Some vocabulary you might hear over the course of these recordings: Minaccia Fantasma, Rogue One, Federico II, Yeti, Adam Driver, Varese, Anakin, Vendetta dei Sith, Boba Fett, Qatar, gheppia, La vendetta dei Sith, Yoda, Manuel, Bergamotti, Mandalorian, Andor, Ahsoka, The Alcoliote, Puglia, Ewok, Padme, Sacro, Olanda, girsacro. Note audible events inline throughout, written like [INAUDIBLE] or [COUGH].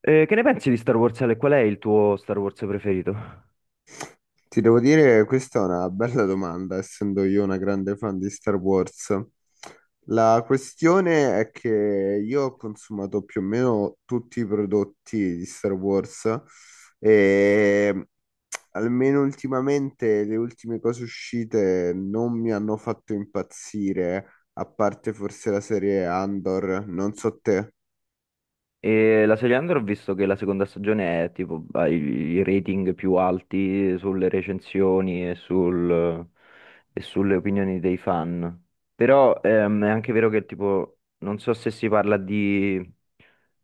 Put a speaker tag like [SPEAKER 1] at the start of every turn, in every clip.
[SPEAKER 1] Che ne pensi di Star Wars, Ale? Qual è il tuo Star Wars preferito?
[SPEAKER 2] Ti devo dire, questa è una bella domanda, essendo io una grande fan di Star Wars. La questione è che io ho consumato più o meno tutti i prodotti di Star Wars e almeno ultimamente le ultime cose uscite non mi hanno fatto impazzire, a parte forse la serie Andor, non so te.
[SPEAKER 1] E la serie Under ho visto che la seconda stagione è tipo ha i rating più alti sulle recensioni e, sul- e sulle opinioni dei fan. Però è anche vero che tipo non so se si parla di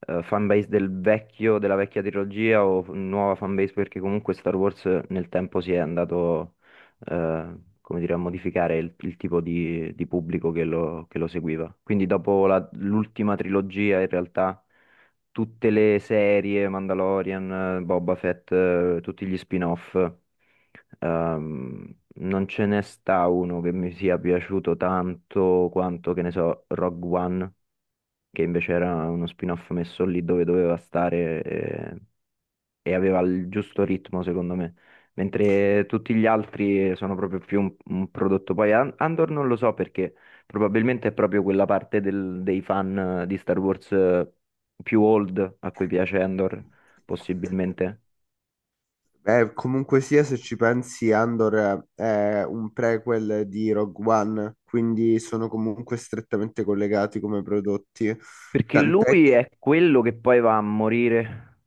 [SPEAKER 1] fanbase del vecchio, della vecchia trilogia o f- nuova fanbase perché comunque Star Wars nel tempo si è andato eh, come dire, a modificare il tipo di pubblico che lo seguiva. Quindi dopo la- l'ultima trilogia in realtà tutte le serie, Mandalorian, Boba Fett, tutti gli spin-off. Ehm, Non ce ne sta uno che mi sia piaciuto tanto quanto, che ne so, Rogue One, che invece era uno spin-off messo lì dove doveva stare. E aveva il giusto ritmo, secondo me. Mentre tutti gli altri sono proprio più un prodotto. Poi An- Andor non lo so perché probabilmente è proprio quella parte del- dei fan di Star Wars più old a cui piace Andor, possibilmente.
[SPEAKER 2] Comunque sia, se ci pensi, Andor è un prequel di Rogue One, quindi sono comunque strettamente collegati come prodotti.
[SPEAKER 1] Perché
[SPEAKER 2] Tant'è
[SPEAKER 1] lui è quello che poi va a morire,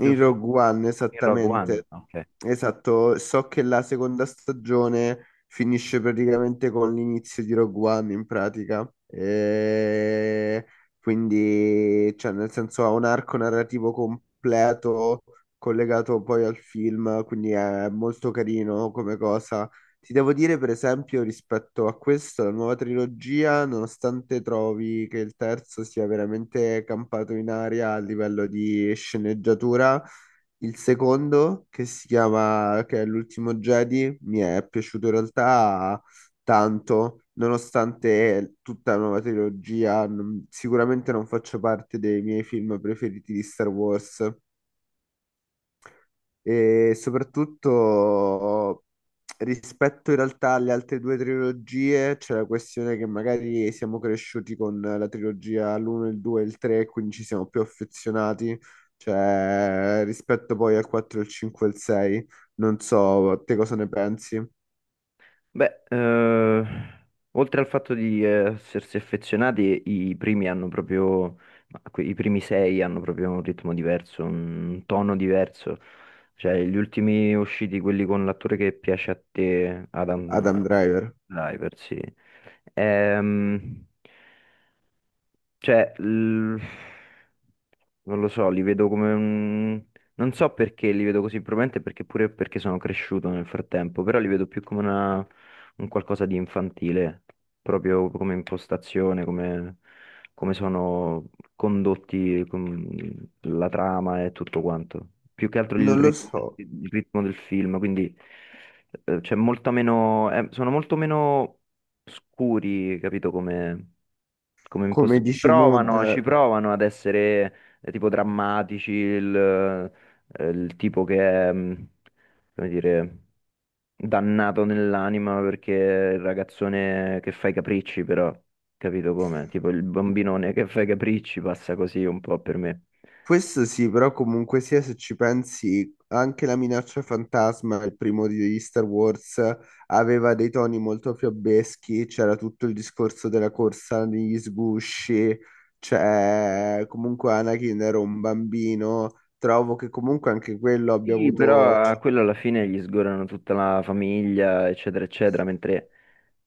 [SPEAKER 2] in Rogue One,
[SPEAKER 1] In Rogue One.
[SPEAKER 2] esattamente.
[SPEAKER 1] Ok.
[SPEAKER 2] Esatto, so che la seconda stagione finisce praticamente con l'inizio di Rogue One in pratica. E quindi, cioè, nel senso ha un arco narrativo completo collegato poi al film, quindi è molto carino come cosa. Ti devo dire, per esempio, rispetto a questo, la nuova trilogia, nonostante trovi che il terzo sia veramente campato in aria a livello di sceneggiatura, il secondo, che si chiama, che è l'ultimo Jedi, mi è piaciuto in realtà tanto, nonostante tutta la nuova trilogia, sicuramente non faccia parte dei miei film preferiti di Star Wars e soprattutto rispetto in realtà alle altre due trilogie c'è la questione che magari siamo cresciuti con la trilogia l'1, il 2 e il 3, quindi ci siamo più affezionati, cioè rispetto poi al 4, il 5 e il 6. Non so, te cosa ne pensi,
[SPEAKER 1] Beh, oltre al fatto di essersi affezionati, i primi hanno proprio, ma que- i primi sei hanno proprio un ritmo diverso, un tono diverso. Cioè, gli ultimi usciti, quelli con l'attore che piace a te, Adam
[SPEAKER 2] Adam Driver?
[SPEAKER 1] Driver, sì. Ehm, cioè, l- non lo so, li vedo come un... Non so perché li vedo così, probabilmente perché pure perché sono cresciuto nel frattempo, però li vedo più come una... un qualcosa di infantile, proprio come impostazione, come, come sono condotti con la trama e tutto quanto. Più che altro
[SPEAKER 2] Non lo so,
[SPEAKER 1] il ritmo del film, quindi c'è molta meno... sono molto meno scuri, capito come, come imposto.
[SPEAKER 2] come dici
[SPEAKER 1] Ci
[SPEAKER 2] Mood.
[SPEAKER 1] provano ad essere tipo drammatici, il tipo che è, come dire, dannato nell'anima perché è il ragazzone che fa i capricci, però, capito come? Tipo il bambinone che fa i capricci passa così un po' per me.
[SPEAKER 2] Questo sì, però comunque sia se ci pensi, anche la minaccia fantasma, il primo di Star Wars, aveva dei toni molto fiabeschi, c'era tutto il discorso della corsa negli sgusci, cioè comunque Anakin era un bambino, trovo che comunque anche quello abbia
[SPEAKER 1] Sì,
[SPEAKER 2] avuto,
[SPEAKER 1] però a
[SPEAKER 2] cioè,
[SPEAKER 1] quello alla fine gli sgorano tutta la famiglia, eccetera, eccetera, mentre...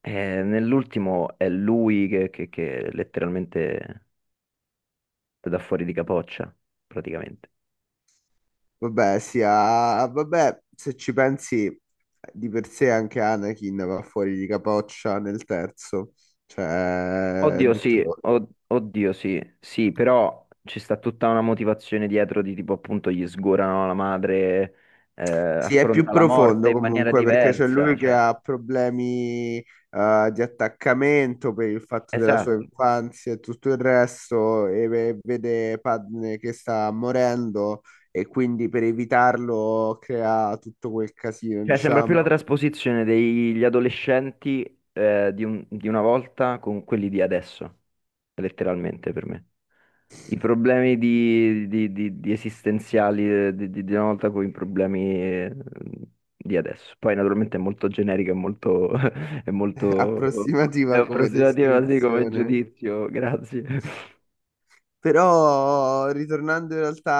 [SPEAKER 1] Nell'ultimo è lui che letteralmente te dà fuori di capoccia, praticamente.
[SPEAKER 2] vabbè, sia, vabbè, se ci pensi di per sé anche Anakin va fuori di capoccia nel terzo, cioè,
[SPEAKER 1] Oddio. Mm.
[SPEAKER 2] detto.
[SPEAKER 1] Sì, od- oddio sì, sì, però ci sta tutta una motivazione dietro di tipo appunto gli sgorano la madre,
[SPEAKER 2] Sì, è più
[SPEAKER 1] affronta la appunto, morte
[SPEAKER 2] profondo
[SPEAKER 1] in esatto, maniera appunto.
[SPEAKER 2] comunque perché c'è lui
[SPEAKER 1] Diversa,
[SPEAKER 2] che
[SPEAKER 1] cioè,
[SPEAKER 2] ha problemi di attaccamento per il fatto della
[SPEAKER 1] esatto.
[SPEAKER 2] sua
[SPEAKER 1] Esatto,
[SPEAKER 2] infanzia e tutto il resto e vede Padme che sta morendo e quindi per evitarlo crea tutto quel casino,
[SPEAKER 1] cioè, sembra più la
[SPEAKER 2] diciamo.
[SPEAKER 1] trasposizione degli adolescenti di un- di una volta con quelli di adesso, letteralmente per me. I problemi di esistenziali di una volta con i problemi di adesso. Poi naturalmente è molto generico, è molto, [LAUGHS] è
[SPEAKER 2] [LAUGHS]
[SPEAKER 1] molto, è
[SPEAKER 2] Approssimativa come
[SPEAKER 1] approssimativo così come
[SPEAKER 2] descrizione.
[SPEAKER 1] giudizio, grazie.
[SPEAKER 2] Però, ritornando in realtà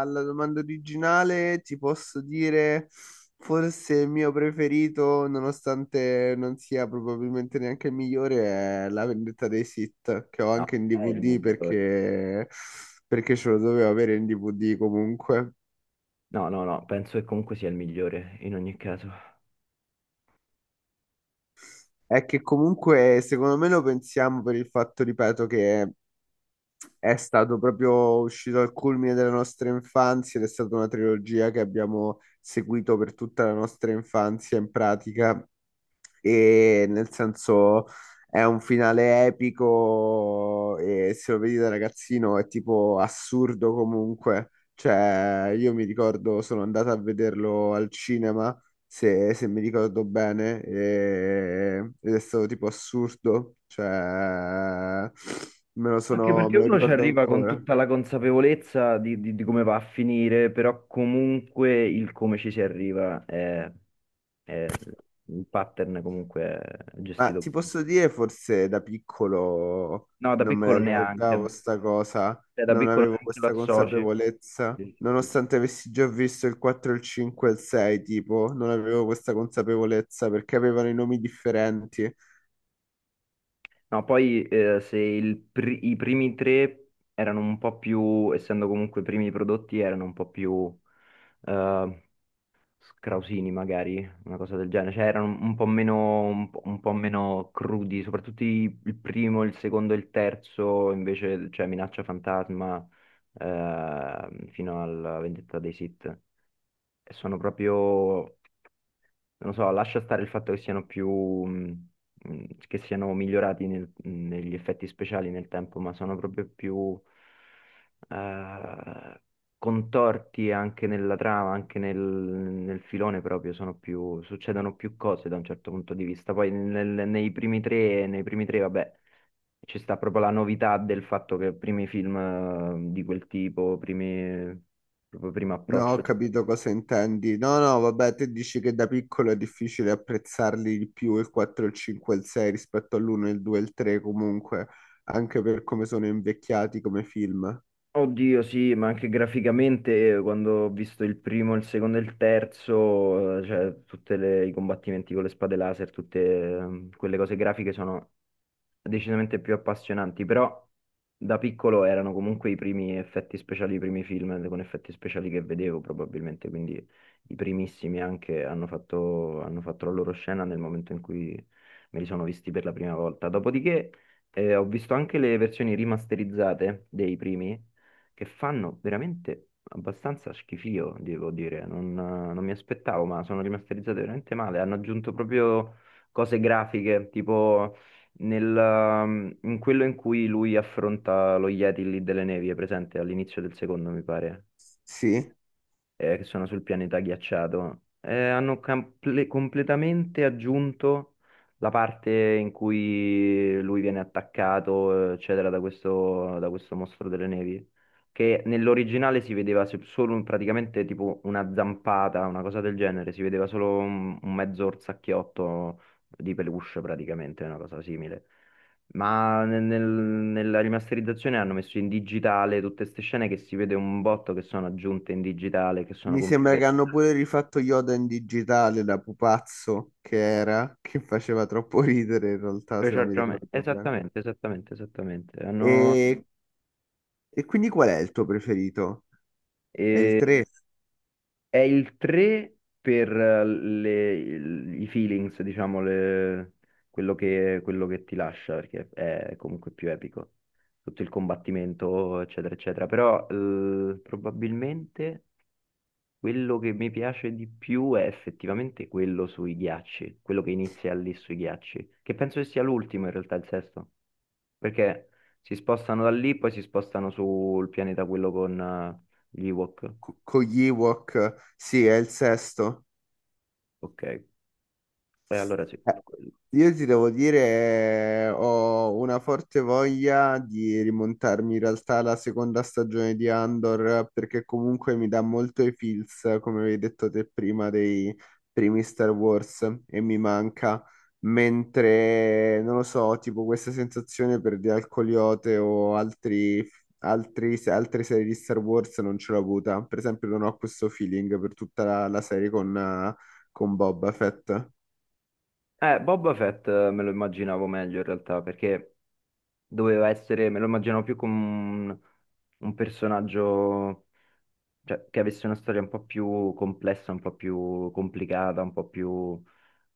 [SPEAKER 2] alla domanda originale, ti posso dire forse il mio preferito, nonostante non sia probabilmente neanche il migliore, è La vendetta dei Sith, che ho
[SPEAKER 1] No,
[SPEAKER 2] anche in
[SPEAKER 1] è il
[SPEAKER 2] DVD
[SPEAKER 1] migliore.
[SPEAKER 2] perché ce lo dovevo avere in DVD comunque.
[SPEAKER 1] No, no, no, penso che comunque sia il migliore in ogni caso.
[SPEAKER 2] È che comunque, secondo me, lo pensiamo per il fatto, ripeto, che è stato proprio uscito al culmine della nostra infanzia ed è stata una trilogia che abbiamo seguito per tutta la nostra infanzia in pratica e nel senso è un finale epico e se lo vedi da ragazzino è tipo assurdo comunque. Cioè, io mi ricordo, sono andato a vederlo al cinema, se mi ricordo bene, ed è stato tipo assurdo, cioè,
[SPEAKER 1] Anche perché
[SPEAKER 2] me lo
[SPEAKER 1] uno ci
[SPEAKER 2] ricordo
[SPEAKER 1] arriva con
[SPEAKER 2] ancora.
[SPEAKER 1] tutta la consapevolezza di come va a finire, però comunque il come ci si arriva è un pattern comunque è
[SPEAKER 2] Ma ti
[SPEAKER 1] gestito bene.
[SPEAKER 2] posso dire, forse da piccolo
[SPEAKER 1] No, da
[SPEAKER 2] non me la
[SPEAKER 1] piccolo neanche,
[SPEAKER 2] ricordavo sta cosa,
[SPEAKER 1] cioè, da
[SPEAKER 2] non
[SPEAKER 1] piccolo
[SPEAKER 2] avevo
[SPEAKER 1] neanche lo
[SPEAKER 2] questa
[SPEAKER 1] associ.
[SPEAKER 2] consapevolezza,
[SPEAKER 1] Sì, sì, sì.
[SPEAKER 2] nonostante avessi già visto il 4, il 5 e il 6, tipo, non avevo questa consapevolezza perché avevano i nomi differenti.
[SPEAKER 1] No, poi se il pri- i primi tre erano un po' più, essendo comunque i primi prodotti, erano un po' più eh, Krausini magari, una cosa del genere, cioè erano un po' meno crudi, soprattutto i- il primo, il secondo e il terzo, invece c'è Minaccia Fantasma fino alla Vendetta dei Sith, e sono proprio non so, lascia stare il fatto che siano più, mh, che siano migliorati nel- negli effetti speciali nel tempo, ma sono proprio più eh, contorti anche nella trama, anche nel, nel filone proprio, sono più, succedono più cose da un certo punto di vista. Poi nel- nei primi tre, vabbè, ci sta proprio la novità del fatto che primi film di quel tipo, primi, proprio primo
[SPEAKER 2] No, ho
[SPEAKER 1] approccio.
[SPEAKER 2] capito cosa intendi. No, no, vabbè, te dici che da piccolo è difficile apprezzarli di più il 4, il 5 e il 6 rispetto all'1, il 2 e il 3 comunque, anche per come sono invecchiati come film.
[SPEAKER 1] Oddio, sì, ma anche graficamente quando ho visto il primo, il secondo e il terzo, cioè tutti i combattimenti con le spade laser, tutte quelle cose grafiche sono decisamente più appassionanti, però da piccolo erano comunque i primi effetti speciali, i primi film con effetti speciali che vedevo probabilmente, quindi i primissimi anche hanno fatto la loro scena nel momento in cui me li sono visti per la prima volta. Dopodiché ho visto anche le versioni rimasterizzate dei primi che fanno veramente abbastanza schifio, devo dire. Non, non mi aspettavo, ma sono rimasterizzate veramente male. Hanno aggiunto proprio cose grafiche, tipo nel, in quello in cui lui affronta lo Yeti lì delle nevi, è presente all'inizio del secondo, mi pare
[SPEAKER 2] Sì.
[SPEAKER 1] che sono sul pianeta ghiacciato, hanno comple- completamente aggiunto la parte in cui lui viene attaccato, eccetera, da questo mostro delle nevi, che nell'originale si vedeva se- solo un- praticamente tipo una zampata, una cosa del genere, si vedeva solo un mezzo orsacchiotto di peluche praticamente, una cosa simile. Ma nel- nel- nella rimasterizzazione hanno messo in digitale tutte queste scene che si vede un botto che sono aggiunte in digitale, che sono
[SPEAKER 2] Mi sembra
[SPEAKER 1] computer.
[SPEAKER 2] che hanno pure rifatto Yoda in digitale da pupazzo che era, che faceva troppo ridere in realtà, se mi
[SPEAKER 1] Esattamente,
[SPEAKER 2] ricordo bene.
[SPEAKER 1] esattamente, esattamente, esattamente. Hanno-
[SPEAKER 2] E, e quindi qual è il tuo preferito? È il
[SPEAKER 1] eh,
[SPEAKER 2] 3
[SPEAKER 1] è il 3 per le- il- i feelings, diciamo, le- quello che ti lascia, perché è comunque più epico. Tutto il combattimento, eccetera, eccetera. Però probabilmente... Quello che mi piace di più è effettivamente quello sui ghiacci, quello che inizia lì sui ghiacci, che penso che sia l'ultimo in realtà, il sesto, perché si spostano da lì, poi si spostano sul pianeta quello con gli Ewok.
[SPEAKER 2] con gli Ewok? Sì, è il sesto.
[SPEAKER 1] Ok, e allora sì,
[SPEAKER 2] Eh,
[SPEAKER 1] quello.
[SPEAKER 2] Io ti devo dire, ho una forte voglia di rimontarmi in realtà alla seconda stagione di Andor, perché comunque mi dà molto i feels, come avevi detto te prima, dei primi Star Wars e mi manca. Mentre, non lo so, tipo questa sensazione per The Alcoliote o altre serie di Star Wars non ce l'ho avuta. Per esempio, non ho questo feeling per tutta la serie con Boba Fett.
[SPEAKER 1] Boba Fett me lo immaginavo meglio in realtà, perché doveva essere, me lo immaginavo più come un personaggio cioè, che avesse una storia un po' più complessa, un po' più complicata, un po' più...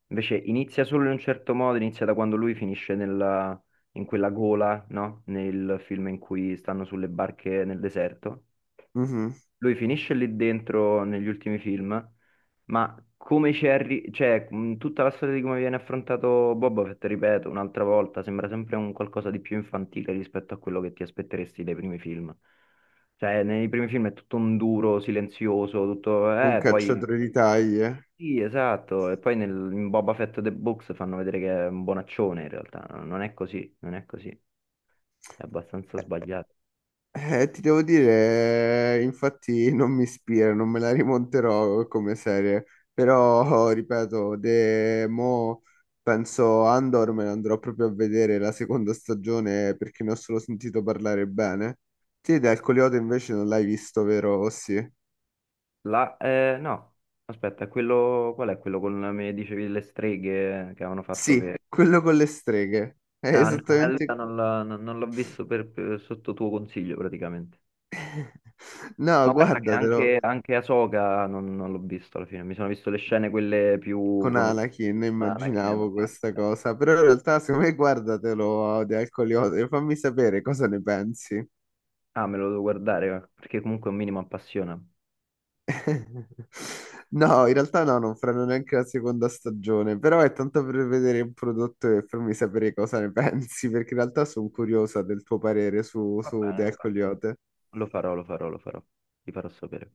[SPEAKER 1] Invece inizia solo in un certo modo, inizia da quando lui finisce nella- in quella gola, no? Nel film in cui stanno sulle barche nel deserto
[SPEAKER 2] Mhm.
[SPEAKER 1] lui finisce lì dentro negli ultimi film, ma come ci è arri- cioè, tutta la storia di come viene affrontato Boba Fett, ripeto, un'altra volta, sembra sempre un qualcosa di più infantile rispetto a quello che ti aspetteresti dai primi film. Cioè, nei primi film è tutto un duro, silenzioso, tutto...
[SPEAKER 2] Un
[SPEAKER 1] Poi... Sì.
[SPEAKER 2] cacciatore di taglie.
[SPEAKER 1] Sì, esatto. E poi nel, in Boba Fett The Books fanno vedere che è un bonaccione, in realtà. Non è così, non è così. È abbastanza
[SPEAKER 2] Eh,
[SPEAKER 1] sbagliato.
[SPEAKER 2] ti devo dire, infatti non mi ispira, non me la rimonterò come serie, però ripeto, de, mo penso Andor me ne andrò proprio a vedere la seconda stagione perché ne ho solo sentito parlare bene. Te dal Coleote invece non l'hai visto, vero? O sì,
[SPEAKER 1] La, no, aspetta, quello, qual è quello con, mi dicevi, le streghe che avevano fatto
[SPEAKER 2] sì,
[SPEAKER 1] che...
[SPEAKER 2] quello con le streghe. È
[SPEAKER 1] Ah, eh? No, allora
[SPEAKER 2] esattamente.
[SPEAKER 1] non l'ho non- non l'ho visto per- sotto tuo consiglio praticamente.
[SPEAKER 2] [LAUGHS] No,
[SPEAKER 1] Ma guarda che
[SPEAKER 2] guardatelo.
[SPEAKER 1] anche, anche Ahsoka non, non l'ho visto alla fine, mi sono visto le scene quelle più
[SPEAKER 2] Con
[SPEAKER 1] conosciute
[SPEAKER 2] Anakin
[SPEAKER 1] da Anakin e
[SPEAKER 2] immaginavo questa
[SPEAKER 1] basta.
[SPEAKER 2] cosa, però in realtà secondo me guardatelo di Alcoliote e fammi sapere cosa ne pensi.
[SPEAKER 1] Ah, me lo devo guardare, perché comunque un minimo appassiona.
[SPEAKER 2] [LAUGHS] No, in realtà no, non faranno neanche la seconda stagione, però è tanto per vedere il prodotto e farmi sapere cosa ne [LAUGHS] pensi, perché in realtà sono curiosa del tuo parere su,
[SPEAKER 1] Va
[SPEAKER 2] su
[SPEAKER 1] bene,
[SPEAKER 2] The
[SPEAKER 1] va bene.
[SPEAKER 2] Alcoliote.
[SPEAKER 1] Lo farò, lo farò, lo farò, ti farò sapere.